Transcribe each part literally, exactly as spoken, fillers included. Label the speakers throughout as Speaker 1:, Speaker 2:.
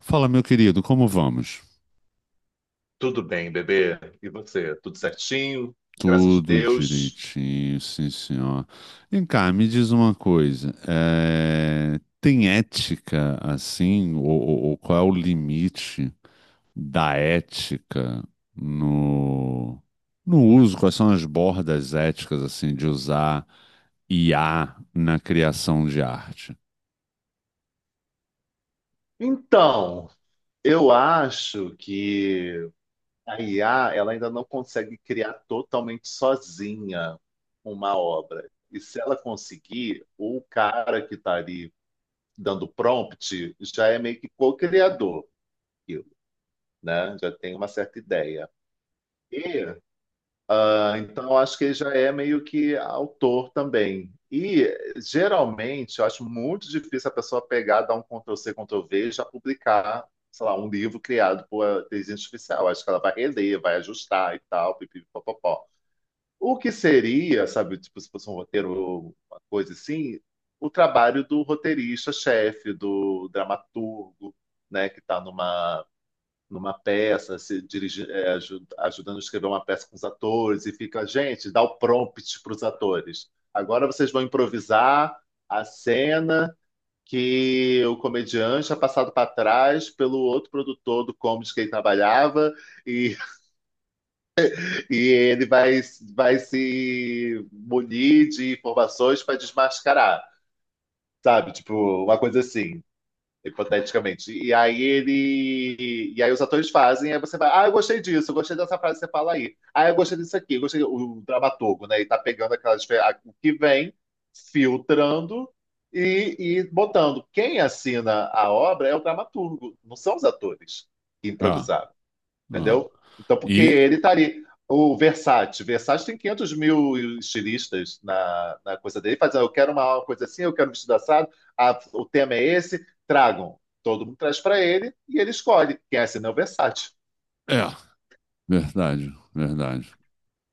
Speaker 1: Fala, meu querido, como vamos?
Speaker 2: Tudo bem, bebê? E você? Tudo certinho? Graças a
Speaker 1: Tudo
Speaker 2: Deus.
Speaker 1: direitinho, sim, senhor. Vem cá, me diz uma coisa. eh, Tem ética assim? Ou, ou- ou qual é o limite da ética no, no uso? Quais são as bordas éticas assim de usar I A na criação de arte?
Speaker 2: Então, eu acho que a I A ela ainda não consegue criar totalmente sozinha uma obra. E se ela conseguir, o cara que está ali dando prompt já é meio que co-criador, daquilo, né? Já tem uma certa ideia. Ah, então, acho que ele já é meio que autor também. E, geralmente, eu acho muito difícil a pessoa pegar, dar um Ctrl+C, Ctrl+V e já publicar, sei lá, um livro criado por inteligência artificial. Acho que ela vai reler, vai ajustar e tal, pipi, popopó. O que seria, sabe, tipo, se fosse um roteiro, ou uma coisa assim, o trabalho do roteirista-chefe, do dramaturgo, né, que está numa peça, se dirige, é, aju- ajudando a escrever uma peça com os atores, e fica, gente, dá o prompt para os atores. Agora vocês vão improvisar a cena que o comediante é passado para trás pelo outro produtor do comedy que ele trabalhava, e, e ele vai, vai se munir de informações para desmascarar. Sabe, tipo, uma coisa assim, hipoteticamente. E aí ele. E aí os atores fazem. Aí você vai, ah, eu gostei disso, eu gostei dessa frase que você fala aí. Ah, eu gostei disso aqui, eu gostei. O dramaturgo, né? E tá pegando aquelas o que vem, filtrando e, e botando. Quem assina a obra é o dramaturgo, não são os atores que
Speaker 1: Ah,
Speaker 2: improvisaram,
Speaker 1: ah.
Speaker 2: entendeu? Então, porque
Speaker 1: E
Speaker 2: ele tá ali. O Versace, Versace tem quinhentos mil estilistas na, na coisa dele, fazendo: eu quero uma coisa assim, eu quero um vestido assado, ah, o tema é esse, tragam. Todo mundo traz para ele e ele escolhe. Quem assina é o Versace.
Speaker 1: é, verdade, verdade.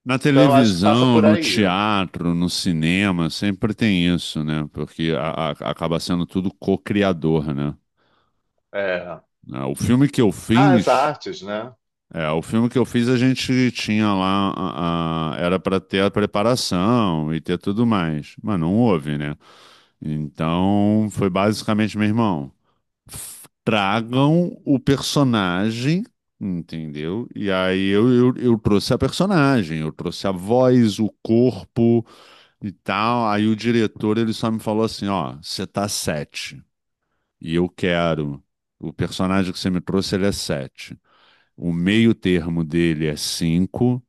Speaker 1: Na
Speaker 2: Então, eu acho que passa
Speaker 1: televisão,
Speaker 2: por
Speaker 1: no
Speaker 2: aí. Ó.
Speaker 1: teatro, no cinema, sempre tem isso, né? Porque a- a- acaba sendo tudo co-criador, né?
Speaker 2: É.
Speaker 1: Ah, o filme que eu
Speaker 2: Ah, as
Speaker 1: fiz,
Speaker 2: artes, né?
Speaker 1: é, o filme que eu fiz a gente tinha lá, a- a- era para ter a preparação e ter tudo mais, mas não houve, né? Então foi basicamente, meu irmão, f- tragam o personagem. Entendeu? E aí eu, eu, eu trouxe a personagem, eu trouxe a voz, o corpo, e tal. Aí o diretor ele só me falou assim, ó, você tá sete e eu quero. O personagem que você me trouxe ele é sete. O meio termo dele é cinco.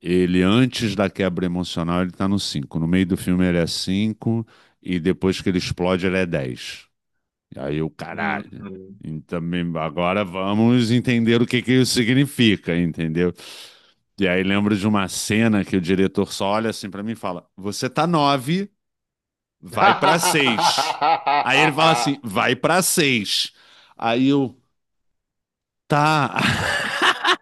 Speaker 1: Ele antes da quebra emocional ele tá no cinco. No meio do filme ele é cinco e depois que ele explode ele é dez. E aí eu, caralho.
Speaker 2: Uhum.
Speaker 1: E também agora vamos entender o que que isso significa, entendeu? E aí lembro de uma cena que o diretor só olha assim pra mim e fala: "Você tá nove, vai pra seis." Aí ele fala assim, vai pra seis. Aí eu, tá.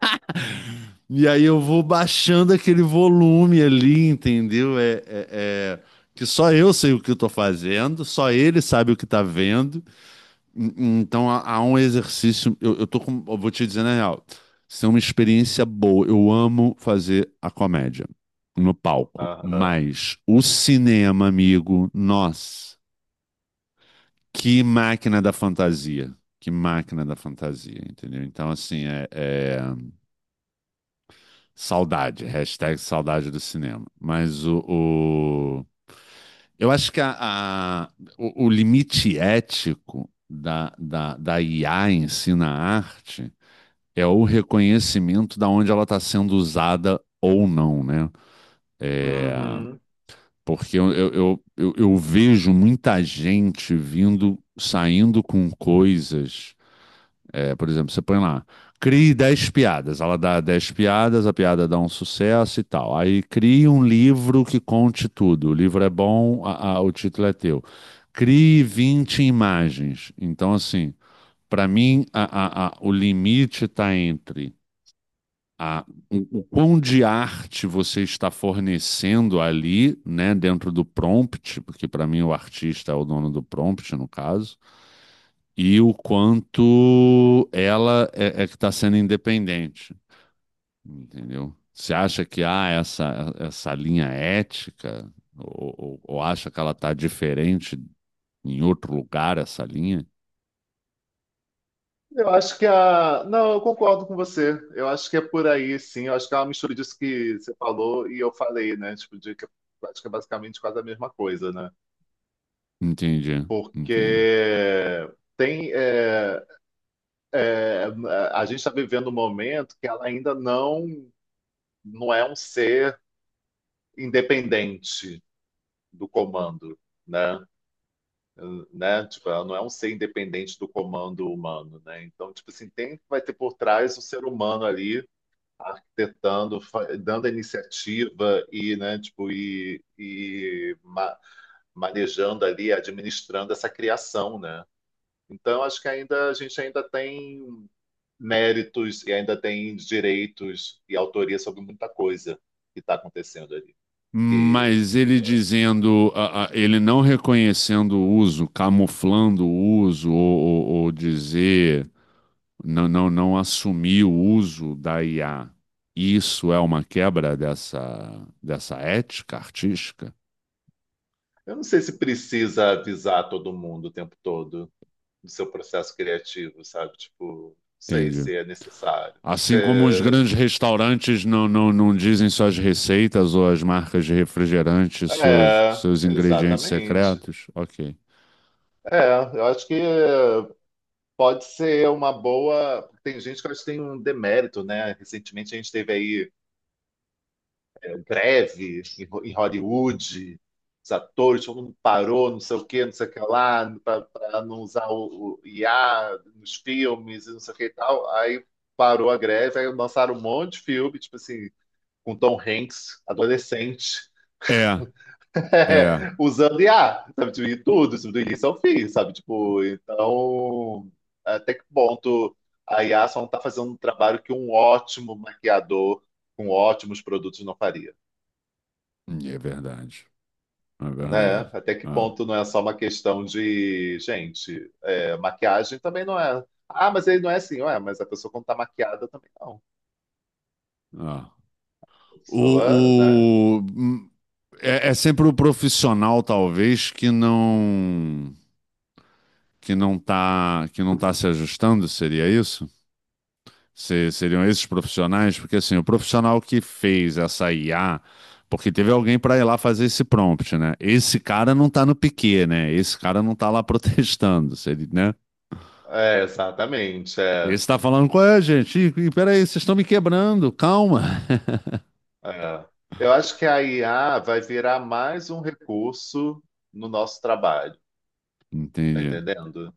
Speaker 1: E aí eu vou baixando aquele volume ali, entendeu? É, é- é- que só eu sei o que eu tô fazendo, só ele sabe o que tá vendo. Hum, hum. Então há, há um exercício. Eu, eu tô com. Eu vou te dizer na real. Isso é uma experiência boa. Eu amo fazer a comédia no palco.
Speaker 2: Aham.
Speaker 1: Mas o cinema, amigo, nossa. Que máquina da fantasia. Que máquina da fantasia, entendeu? Então, assim, é, é- saudade, hashtag saudade do cinema. Mas o, o- eu acho que a, a- o, o limite ético da, da, da I A em si na arte é o reconhecimento da onde ela está sendo usada ou não, né? É,
Speaker 2: Uhum.
Speaker 1: porque eu, eu, eu, eu eu vejo muita gente vindo, saindo com coisas. É, por exemplo, você põe lá, crie dez piadas. Ela dá dez piadas, a piada dá um sucesso e tal. Aí crie um livro que conte tudo. O livro é bom, a- a- o título é teu. Crie vinte imagens. Então, assim, para mim, a- a- a- o limite está entre a, o, o quão de arte você está fornecendo ali, né, dentro do prompt, porque para mim o artista é o dono do prompt, no caso, e o quanto ela é, é que está sendo independente, entendeu? Você acha que há essa, essa linha ética, ou, ou- ou acha que ela está diferente em outro lugar, essa linha?
Speaker 2: Eu acho que a. Não, eu concordo com você. Eu acho que é por aí, sim. Eu acho que é uma mistura disso que você falou e eu falei, né? Tipo, de que eu acho que é basicamente quase a mesma coisa, né?
Speaker 1: Entendi, entendi.
Speaker 2: Porque tem. É, é, A gente está vivendo um momento que ela ainda não, não é um ser independente do comando. Né? Né? Tipo, ela não é um ser independente do comando humano, né? Então, tipo assim, tem vai ter por trás o ser humano ali arquitetando, fa- dando a iniciativa e, né, tipo, e, e ma- manejando ali, administrando essa criação, né? Então, acho que ainda a gente ainda tem méritos e ainda tem direitos e autoria sobre muita coisa que está acontecendo ali. E
Speaker 1: Mas ele dizendo, a- a- ele não reconhecendo o uso, camuflando o uso, ou, ou- ou dizer não, não, não assumir o uso da I A, isso é uma quebra dessa, dessa ética artística?
Speaker 2: eu não sei se precisa avisar todo mundo o tempo todo do seu processo criativo, sabe? Tipo, não sei
Speaker 1: Entendi.
Speaker 2: se é necessário.
Speaker 1: Assim como os
Speaker 2: Se-
Speaker 1: grandes restaurantes não, não, não dizem suas receitas ou as marcas de refrigerante, seus,
Speaker 2: É,
Speaker 1: seus ingredientes
Speaker 2: exatamente.
Speaker 1: secretos? Ok.
Speaker 2: É, eu acho que pode ser uma boa. Tem gente que eu acho que tem um demérito, né? Recentemente a gente teve aí greve em Ho- em Hollywood, os atores, todo mundo parou, não sei o quê, não sei o que lá, para não usar o, o I A nos filmes e não sei o que e tal. Aí parou a greve, aí lançaram um monte de filme, tipo assim, com Tom Hanks, adolescente.
Speaker 1: É, é.
Speaker 2: É, usando I A, sabe? Tipo, e tudo, isso do início ao fim, sabe? Tipo, então, até que ponto a I A só não tá fazendo um trabalho que um ótimo maquiador com ótimos produtos não faria,
Speaker 1: É verdade. É
Speaker 2: né?
Speaker 1: verdade.
Speaker 2: Até que
Speaker 1: Ah,
Speaker 2: ponto não é só uma questão de, gente, é, maquiagem também não é. Ah, mas ele não é assim, ué, mas a pessoa quando tá maquiada também não.
Speaker 1: ah.
Speaker 2: A pessoa, né?
Speaker 1: O, o- hum, é, é sempre o profissional, talvez, que não, que não está, que não tá se ajustando, seria isso? Se- seriam esses profissionais? Porque assim, o profissional que fez essa I A, porque teve alguém para ir lá fazer esse prompt, né? Esse cara não tá no piquê, né? Esse cara não tá lá protestando, seria, né?
Speaker 2: É, exatamente. É.
Speaker 1: Esse tá falando, qual é, gente? Ih, ih, Peraí, vocês estão me quebrando, calma.
Speaker 2: É. Eu acho que a I A vai virar mais um recurso no nosso trabalho, tá
Speaker 1: Entendi.
Speaker 2: entendendo?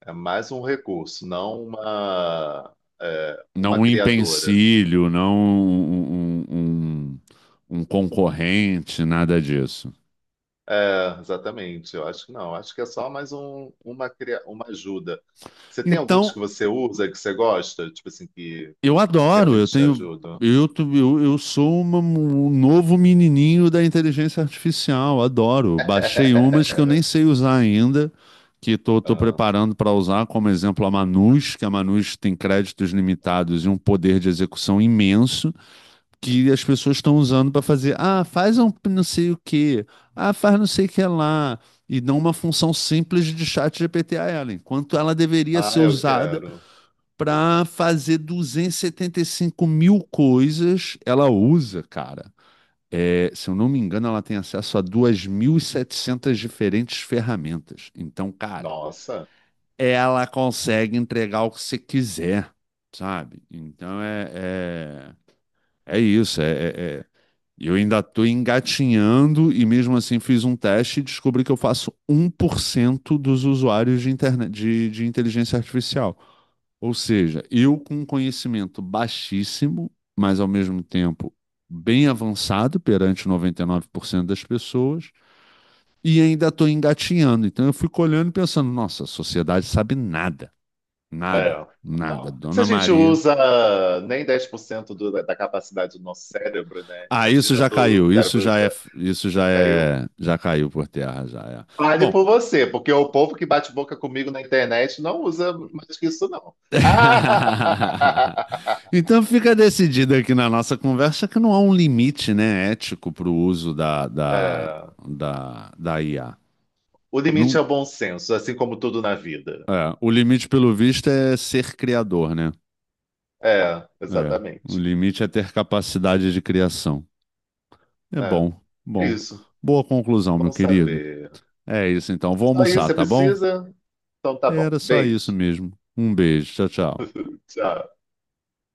Speaker 2: É mais um recurso, não uma, é,
Speaker 1: Não
Speaker 2: uma
Speaker 1: um
Speaker 2: criadora.
Speaker 1: empecilho, não um, um um- um- um concorrente, nada disso.
Speaker 2: É, exatamente, eu acho que não. Acho que é só mais um, uma, cria- uma ajuda. Você tem algumas que
Speaker 1: Então,
Speaker 2: você usa, que você gosta? Tipo assim, que
Speaker 1: eu adoro, eu
Speaker 2: realmente te
Speaker 1: tenho.
Speaker 2: ajudam?
Speaker 1: Eu, tu- eu, eu sou uma- um novo menininho da inteligência artificial, adoro. Baixei umas que eu nem sei usar ainda, que estou preparando para usar, como exemplo a Manus, que a Manus tem créditos limitados e um poder de execução imenso, que as pessoas estão usando para fazer, ah, faz um p- não sei o quê, ah, faz não sei o que lá, e dão uma função simples de chat G P T a ela, enquanto ela deveria
Speaker 2: Ah,
Speaker 1: ser
Speaker 2: eu
Speaker 1: usada
Speaker 2: quero.
Speaker 1: para fazer e e setenta e cinco mil coisas. Ela usa, cara. É, se eu não me engano, ela tem acesso a duas mil e setecentas diferentes ferramentas. Então, cara,
Speaker 2: Nossa.
Speaker 1: ela consegue entregar o que você quiser, sabe? Então é, é, é isso. É, é- é e eu ainda estou engatinhando e mesmo assim fiz um teste e descobri que eu faço um por cento dos usuários de internet, de, de inteligência artificial. Ou seja, eu com um conhecimento baixíssimo, mas ao mesmo tempo bem avançado perante noventa e nove por cento das pessoas, e ainda estou engatinhando. Então eu fico olhando e pensando, nossa, a sociedade sabe nada,
Speaker 2: É,
Speaker 1: nada, nada.
Speaker 2: total. Se a
Speaker 1: Dona
Speaker 2: gente
Speaker 1: Maria.
Speaker 2: usa nem dez por cento do, da capacidade do nosso cérebro, né?
Speaker 1: Ah, isso
Speaker 2: Imagina
Speaker 1: já
Speaker 2: do
Speaker 1: caiu, isso
Speaker 2: cérebro
Speaker 1: já é,
Speaker 2: da-
Speaker 1: isso já
Speaker 2: Caiu.
Speaker 1: é, já caiu por terra, já é.
Speaker 2: Fale
Speaker 1: Bom,
Speaker 2: por você, porque o povo que bate boca comigo na internet não usa mais que isso, não. Ah!
Speaker 1: então fica decidido aqui na nossa conversa que não há um limite, né, ético para o uso da, da,
Speaker 2: É,
Speaker 1: da, da I A.
Speaker 2: o limite
Speaker 1: Não,
Speaker 2: é o bom senso, assim como tudo na vida.
Speaker 1: é, o limite, pelo visto, é ser criador, né?
Speaker 2: É,
Speaker 1: É, o
Speaker 2: exatamente.
Speaker 1: limite é ter capacidade de criação. É
Speaker 2: É,
Speaker 1: bom,
Speaker 2: é
Speaker 1: bom.
Speaker 2: isso.
Speaker 1: Boa conclusão, meu
Speaker 2: Bom
Speaker 1: querido.
Speaker 2: saber.
Speaker 1: É isso então, vou
Speaker 2: Só isso
Speaker 1: almoçar,
Speaker 2: você
Speaker 1: tá bom?
Speaker 2: precisa? Então tá bom.
Speaker 1: Era só isso
Speaker 2: Beijo.
Speaker 1: mesmo. Um beijo. Tchau, tchau.
Speaker 2: Tchau.